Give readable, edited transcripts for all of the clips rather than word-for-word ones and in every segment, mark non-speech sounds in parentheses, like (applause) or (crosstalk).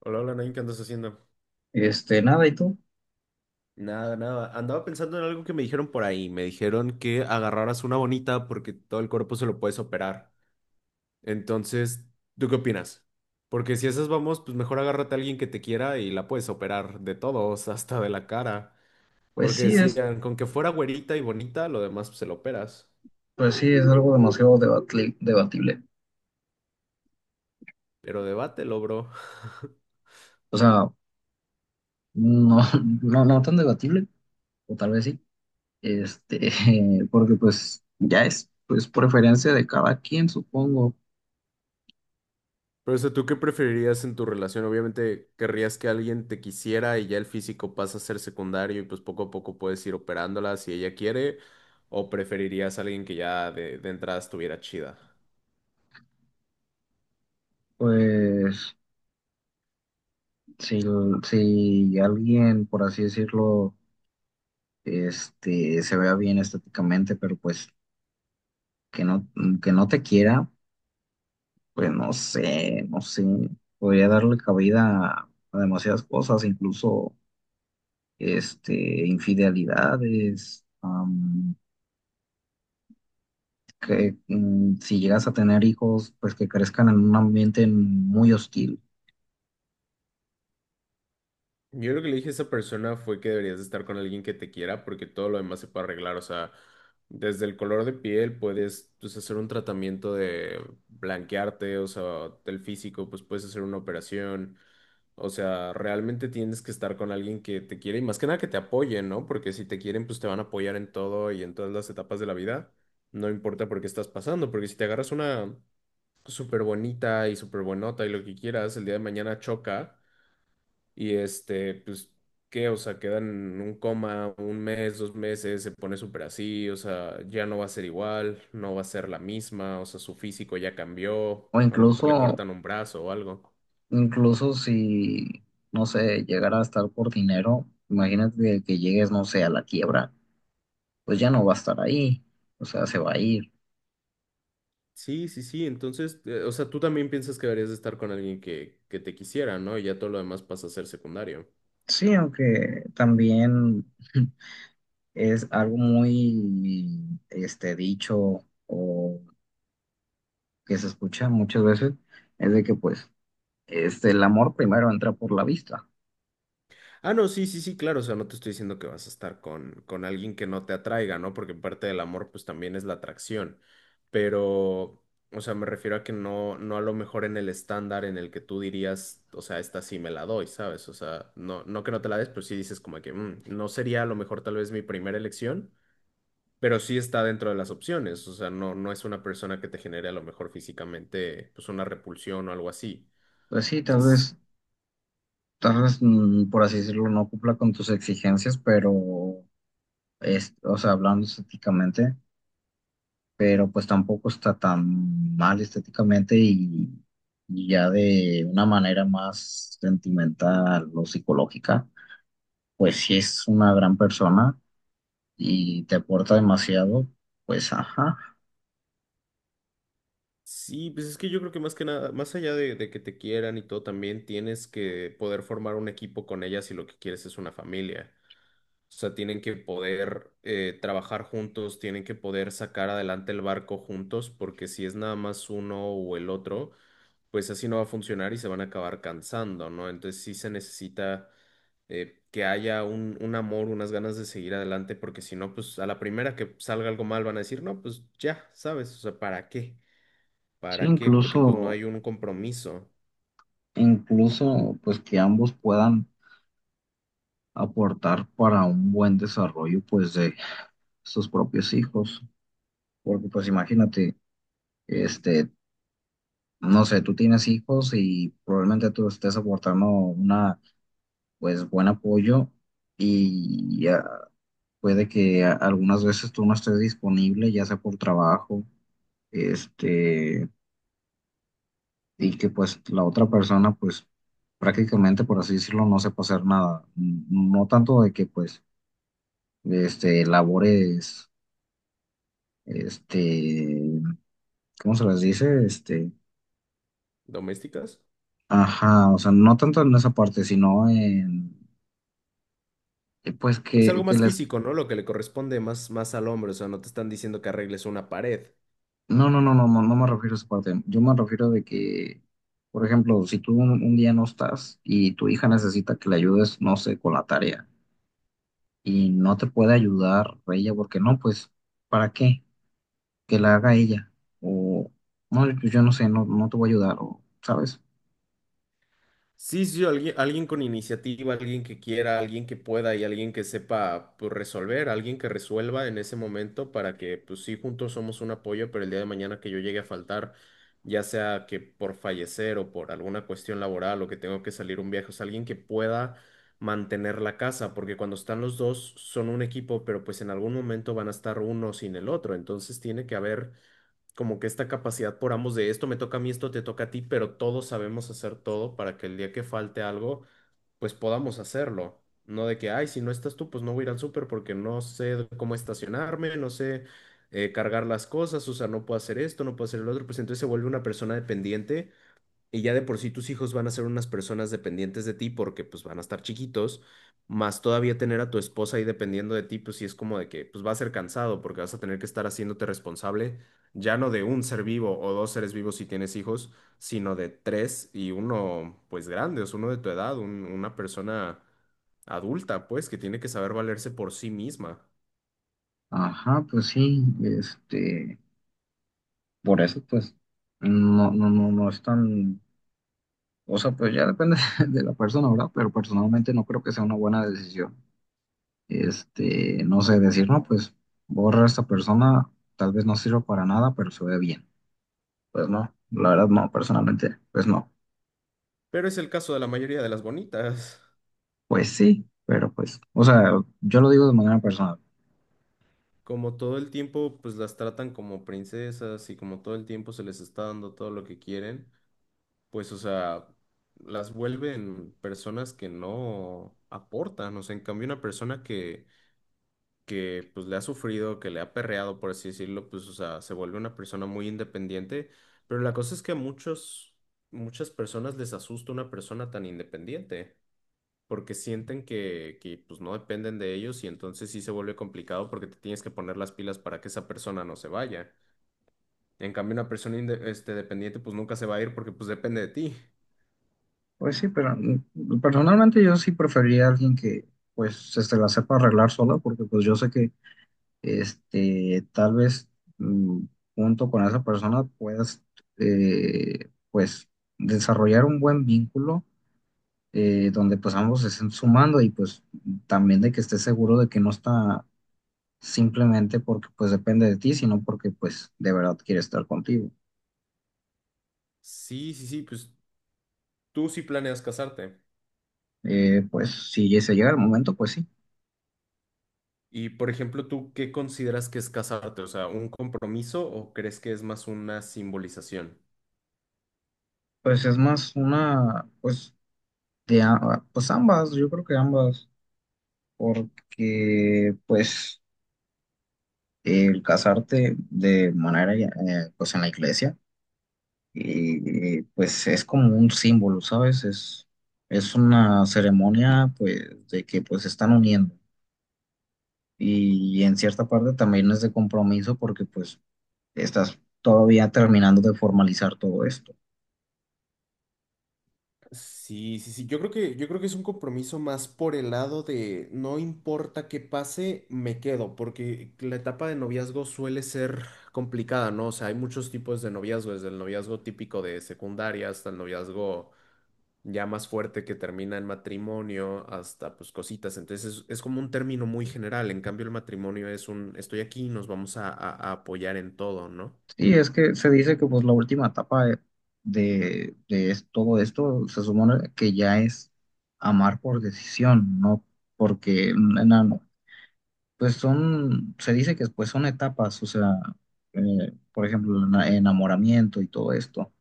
Hola, hola, Nain, ¿qué andas haciendo? Nada, ¿y tú? Nada, nada. Andaba pensando en algo que me dijeron por ahí. Me dijeron que agarraras una bonita porque todo el cuerpo se lo puedes operar. Entonces, ¿tú qué opinas? Porque si esas vamos, pues mejor agárrate a alguien que te quiera y la puedes operar de todos, (laughs) hasta de la cara. Pues Porque sí, es, decían, con que fuera güerita y bonita, lo demás pues, se lo operas. pues sí, es algo demasiado debatible. Pero debátelo, bro. (laughs) O sea, no, (laughs) no, no tan debatible, o tal vez sí. Este, (laughs) Porque pues ya es, pues preferencia de cada quien, supongo. Pero, o sea, ¿tú qué preferirías en tu relación? Obviamente querrías que alguien te quisiera y ya el físico pasa a ser secundario y pues poco a poco puedes ir operándola si ella quiere, o preferirías a alguien que ya de entrada estuviera chida. Pues si, si alguien, por así decirlo, se vea bien estéticamente, pero pues que no, que no te quiera, pues no sé, no sé. Podría darle cabida a demasiadas cosas, incluso. Infidelidades, que si llegas a tener hijos, pues que crezcan en un ambiente muy hostil, Yo lo que le dije a esa persona fue que deberías de estar con alguien que te quiera porque todo lo demás se puede arreglar. O sea, desde el color de piel puedes pues, hacer un tratamiento de blanquearte, o sea, del físico, pues puedes hacer una operación. O sea, realmente tienes que estar con alguien que te quiere y más que nada que te apoye, ¿no? Porque si te quieren, pues te van a apoyar en todo y en todas las etapas de la vida. No importa por qué estás pasando, porque si te agarras una súper bonita y súper buenota y lo que quieras, el día de mañana choca. Y este, pues, ¿qué? O sea, quedan en un coma un mes, dos meses, se pone súper así, o sea, ya no va a ser igual, no va a ser la misma, o sea, su físico ya cambió, o a lo mejor le incluso, cortan un brazo o algo. incluso si, no sé, llegara a estar por dinero, imagínate que llegues, no sé, a la quiebra, pues ya no va a estar ahí, o sea, se va a ir. Sí, sí, sí, entonces, o sea, tú también piensas que deberías de estar con alguien que te quisiera, ¿no? Y ya todo lo demás pasa a ser secundario. Sí, aunque también (laughs) es algo muy, dicho o que se escucha muchas veces, es de que pues el amor primero entra por la vista. Ah, no, sí, sí, sí, claro, o sea, no te estoy diciendo que vas a estar con alguien que no te atraiga, ¿no? Porque parte del amor, pues también es la atracción, pero, o sea, me refiero a que no, no a lo mejor en el estándar en el que tú dirías, o sea, esta sí me la doy, ¿sabes? O sea, no, no que no te la des, pero sí dices como que no sería a lo mejor tal vez mi primera elección, pero sí está dentro de las opciones, o sea, no, no es una persona que te genere a lo mejor físicamente, pues una repulsión o algo así. Pues sí, O sea, s- tal vez, por así decirlo, no cumpla con tus exigencias, pero, es, o sea, hablando estéticamente, pero pues tampoco está tan mal estéticamente y ya de una manera más sentimental o psicológica, pues si es una gran persona y te aporta demasiado, pues ajá. Sí, pues es que yo creo que más que nada, más allá de que te quieran y todo, también tienes que poder formar un equipo con ellas si lo que quieres es una familia. O sea, tienen que poder trabajar juntos, tienen que poder sacar adelante el barco juntos, porque si es nada más uno o el otro, pues así no va a funcionar y se van a acabar cansando, ¿no? Entonces sí se necesita que haya un amor, unas ganas de seguir adelante, porque si no, pues a la primera que salga algo mal van a decir, no, pues ya, ¿sabes? O sea, ¿para qué? Sí, ¿Para qué? Porque pues no incluso, hay un compromiso. incluso, pues que ambos puedan aportar para un buen desarrollo pues de sus propios hijos. Porque pues imagínate, este, no sé, tú tienes hijos y probablemente tú estés aportando una pues buen apoyo y ya puede que algunas veces tú no estés disponible, ya sea por trabajo, este, y que pues la otra persona pues prácticamente por así decirlo no sepa hacer nada. No tanto de que pues labores este ¿cómo se las dice? ¿Domésticas? Ajá, o sea, no tanto en esa parte, sino en, pues Pues algo que más les, físico, ¿no? Lo que le corresponde más, más al hombre. O sea, no te están diciendo que arregles una pared. no, no, no, no, no, no me refiero a esa parte, yo me refiero de que, por ejemplo, si tú un día no estás y tu hija necesita que le ayudes, no sé, con la tarea y no te puede ayudar ella, porque no, pues, ¿para qué? Que la haga ella, o, no, pues yo no sé, no, no te voy a ayudar, o, ¿sabes? Sí, sí, alguien, alguien con iniciativa, alguien que quiera, alguien que pueda y alguien que sepa pues, resolver, alguien que resuelva en ese momento para que, pues sí, juntos somos un apoyo, pero el día de mañana que yo llegue a faltar, ya sea que por fallecer o por alguna cuestión laboral o que tengo que salir un viaje, o sea, alguien que pueda mantener la casa, porque cuando están los dos son un equipo, pero pues en algún momento van a estar uno sin el otro, entonces tiene que haber como que esta capacidad por ambos de esto me toca a mí, esto te toca a ti, pero todos sabemos hacer todo para que el día que falte algo, pues podamos hacerlo. No de que, ay, si no estás tú, pues no voy a ir al súper porque no sé cómo estacionarme, no sé cargar las cosas, o sea, no puedo hacer esto, no puedo hacer el otro, pues entonces se vuelve una persona dependiente y ya de por sí tus hijos van a ser unas personas dependientes de ti porque pues van a estar chiquitos, más todavía tener a tu esposa ahí dependiendo de ti, pues sí es como de que pues va a ser cansado porque vas a tener que estar haciéndote responsable ya no de un ser vivo o dos seres vivos si tienes hijos, sino de tres y uno pues grande, o sea, uno de tu edad, una persona adulta pues que tiene que saber valerse por sí misma. Ajá, pues sí, por eso, pues, no, no, no, no es tan. O sea, pues ya depende (laughs) de la persona, ¿verdad? Pero personalmente no creo que sea una buena decisión. No sé, decir, no, pues borra a esta persona, tal vez no sirva para nada, pero se ve bien. Pues no, la verdad no, personalmente, pues no. Pero es el caso de la mayoría de las bonitas. Pues sí, pero pues, o sea, yo lo digo de manera personal. Como todo el tiempo, pues las tratan como princesas y como todo el tiempo se les está dando todo lo que quieren, pues, o sea, las vuelven personas que no aportan. O sea, en cambio, una persona que pues le ha sufrido, que le ha perreado, por así decirlo, pues, o sea, se vuelve una persona muy independiente. Pero la cosa es que a muchos, muchas personas les asusta una persona tan independiente porque sienten que, pues no dependen de ellos y entonces sí se vuelve complicado porque te tienes que poner las pilas para que esa persona no se vaya. En cambio, una persona este, dependiente pues nunca se va a ir porque pues depende de ti. Pues sí, pero personalmente yo sí preferiría a alguien que pues se la sepa arreglar sola, porque pues yo sé que tal vez mm, junto con esa persona puedas, pues, desarrollar un buen vínculo, donde pues ambos se estén sumando y pues también de que estés seguro de que no está simplemente porque pues depende de ti, sino porque pues de verdad quiere estar contigo. Sí, sí, sí, pues tú sí planeas casarte. Pues si se llega el momento, pues sí. Y por ejemplo, ¿tú qué consideras que es casarte? O sea, ¿un compromiso o crees que es más una simbolización? Pues es más una, pues, de, pues ambas, yo creo que ambas, porque pues el casarte de manera, pues en la iglesia, y, pues es como un símbolo, ¿sabes? Es una ceremonia, pues, de que pues se están uniendo. Y, en cierta parte también es de compromiso porque pues estás todavía terminando de formalizar todo esto. Sí, sí, sí. Yo creo que es un compromiso más por el lado de no importa qué pase, me quedo, porque la etapa de noviazgo suele ser complicada, ¿no? O sea, hay muchos tipos de noviazgo, desde el noviazgo típico de secundaria hasta el noviazgo ya más fuerte que termina en matrimonio, hasta pues cositas. Entonces es como un término muy general. En cambio, el matrimonio es un estoy aquí, y nos vamos a, a apoyar en todo, ¿no? Sí, es que se dice que pues la última etapa de todo esto se supone que ya es amar por decisión, no porque. Pues son, se dice que pues son etapas, o sea, por ejemplo, el enamoramiento y todo esto,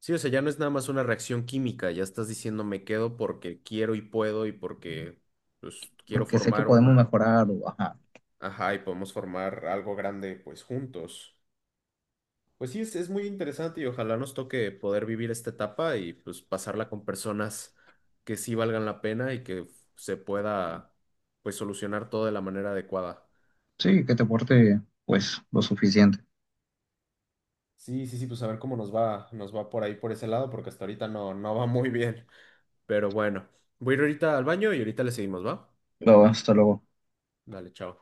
Sí, o sea, ya no es nada más una reacción química, ya estás diciendo me quedo porque quiero y puedo y porque pues quiero porque sé que formar podemos un, mejorar o, ajá, ajá, y podemos formar algo grande pues juntos. Pues sí, es muy interesante y ojalá nos toque poder vivir esta etapa y pues pasarla con personas que sí valgan la pena y que se pueda pues solucionar todo de la manera adecuada. sí, que te porte pues lo suficiente. Sí, sí, sí, pues a ver cómo nos va por ahí por ese lado, porque hasta ahorita no, no va muy bien. Pero bueno, voy a ir ahorita al baño y ahorita le seguimos, ¿va? No, hasta luego. Dale, chao.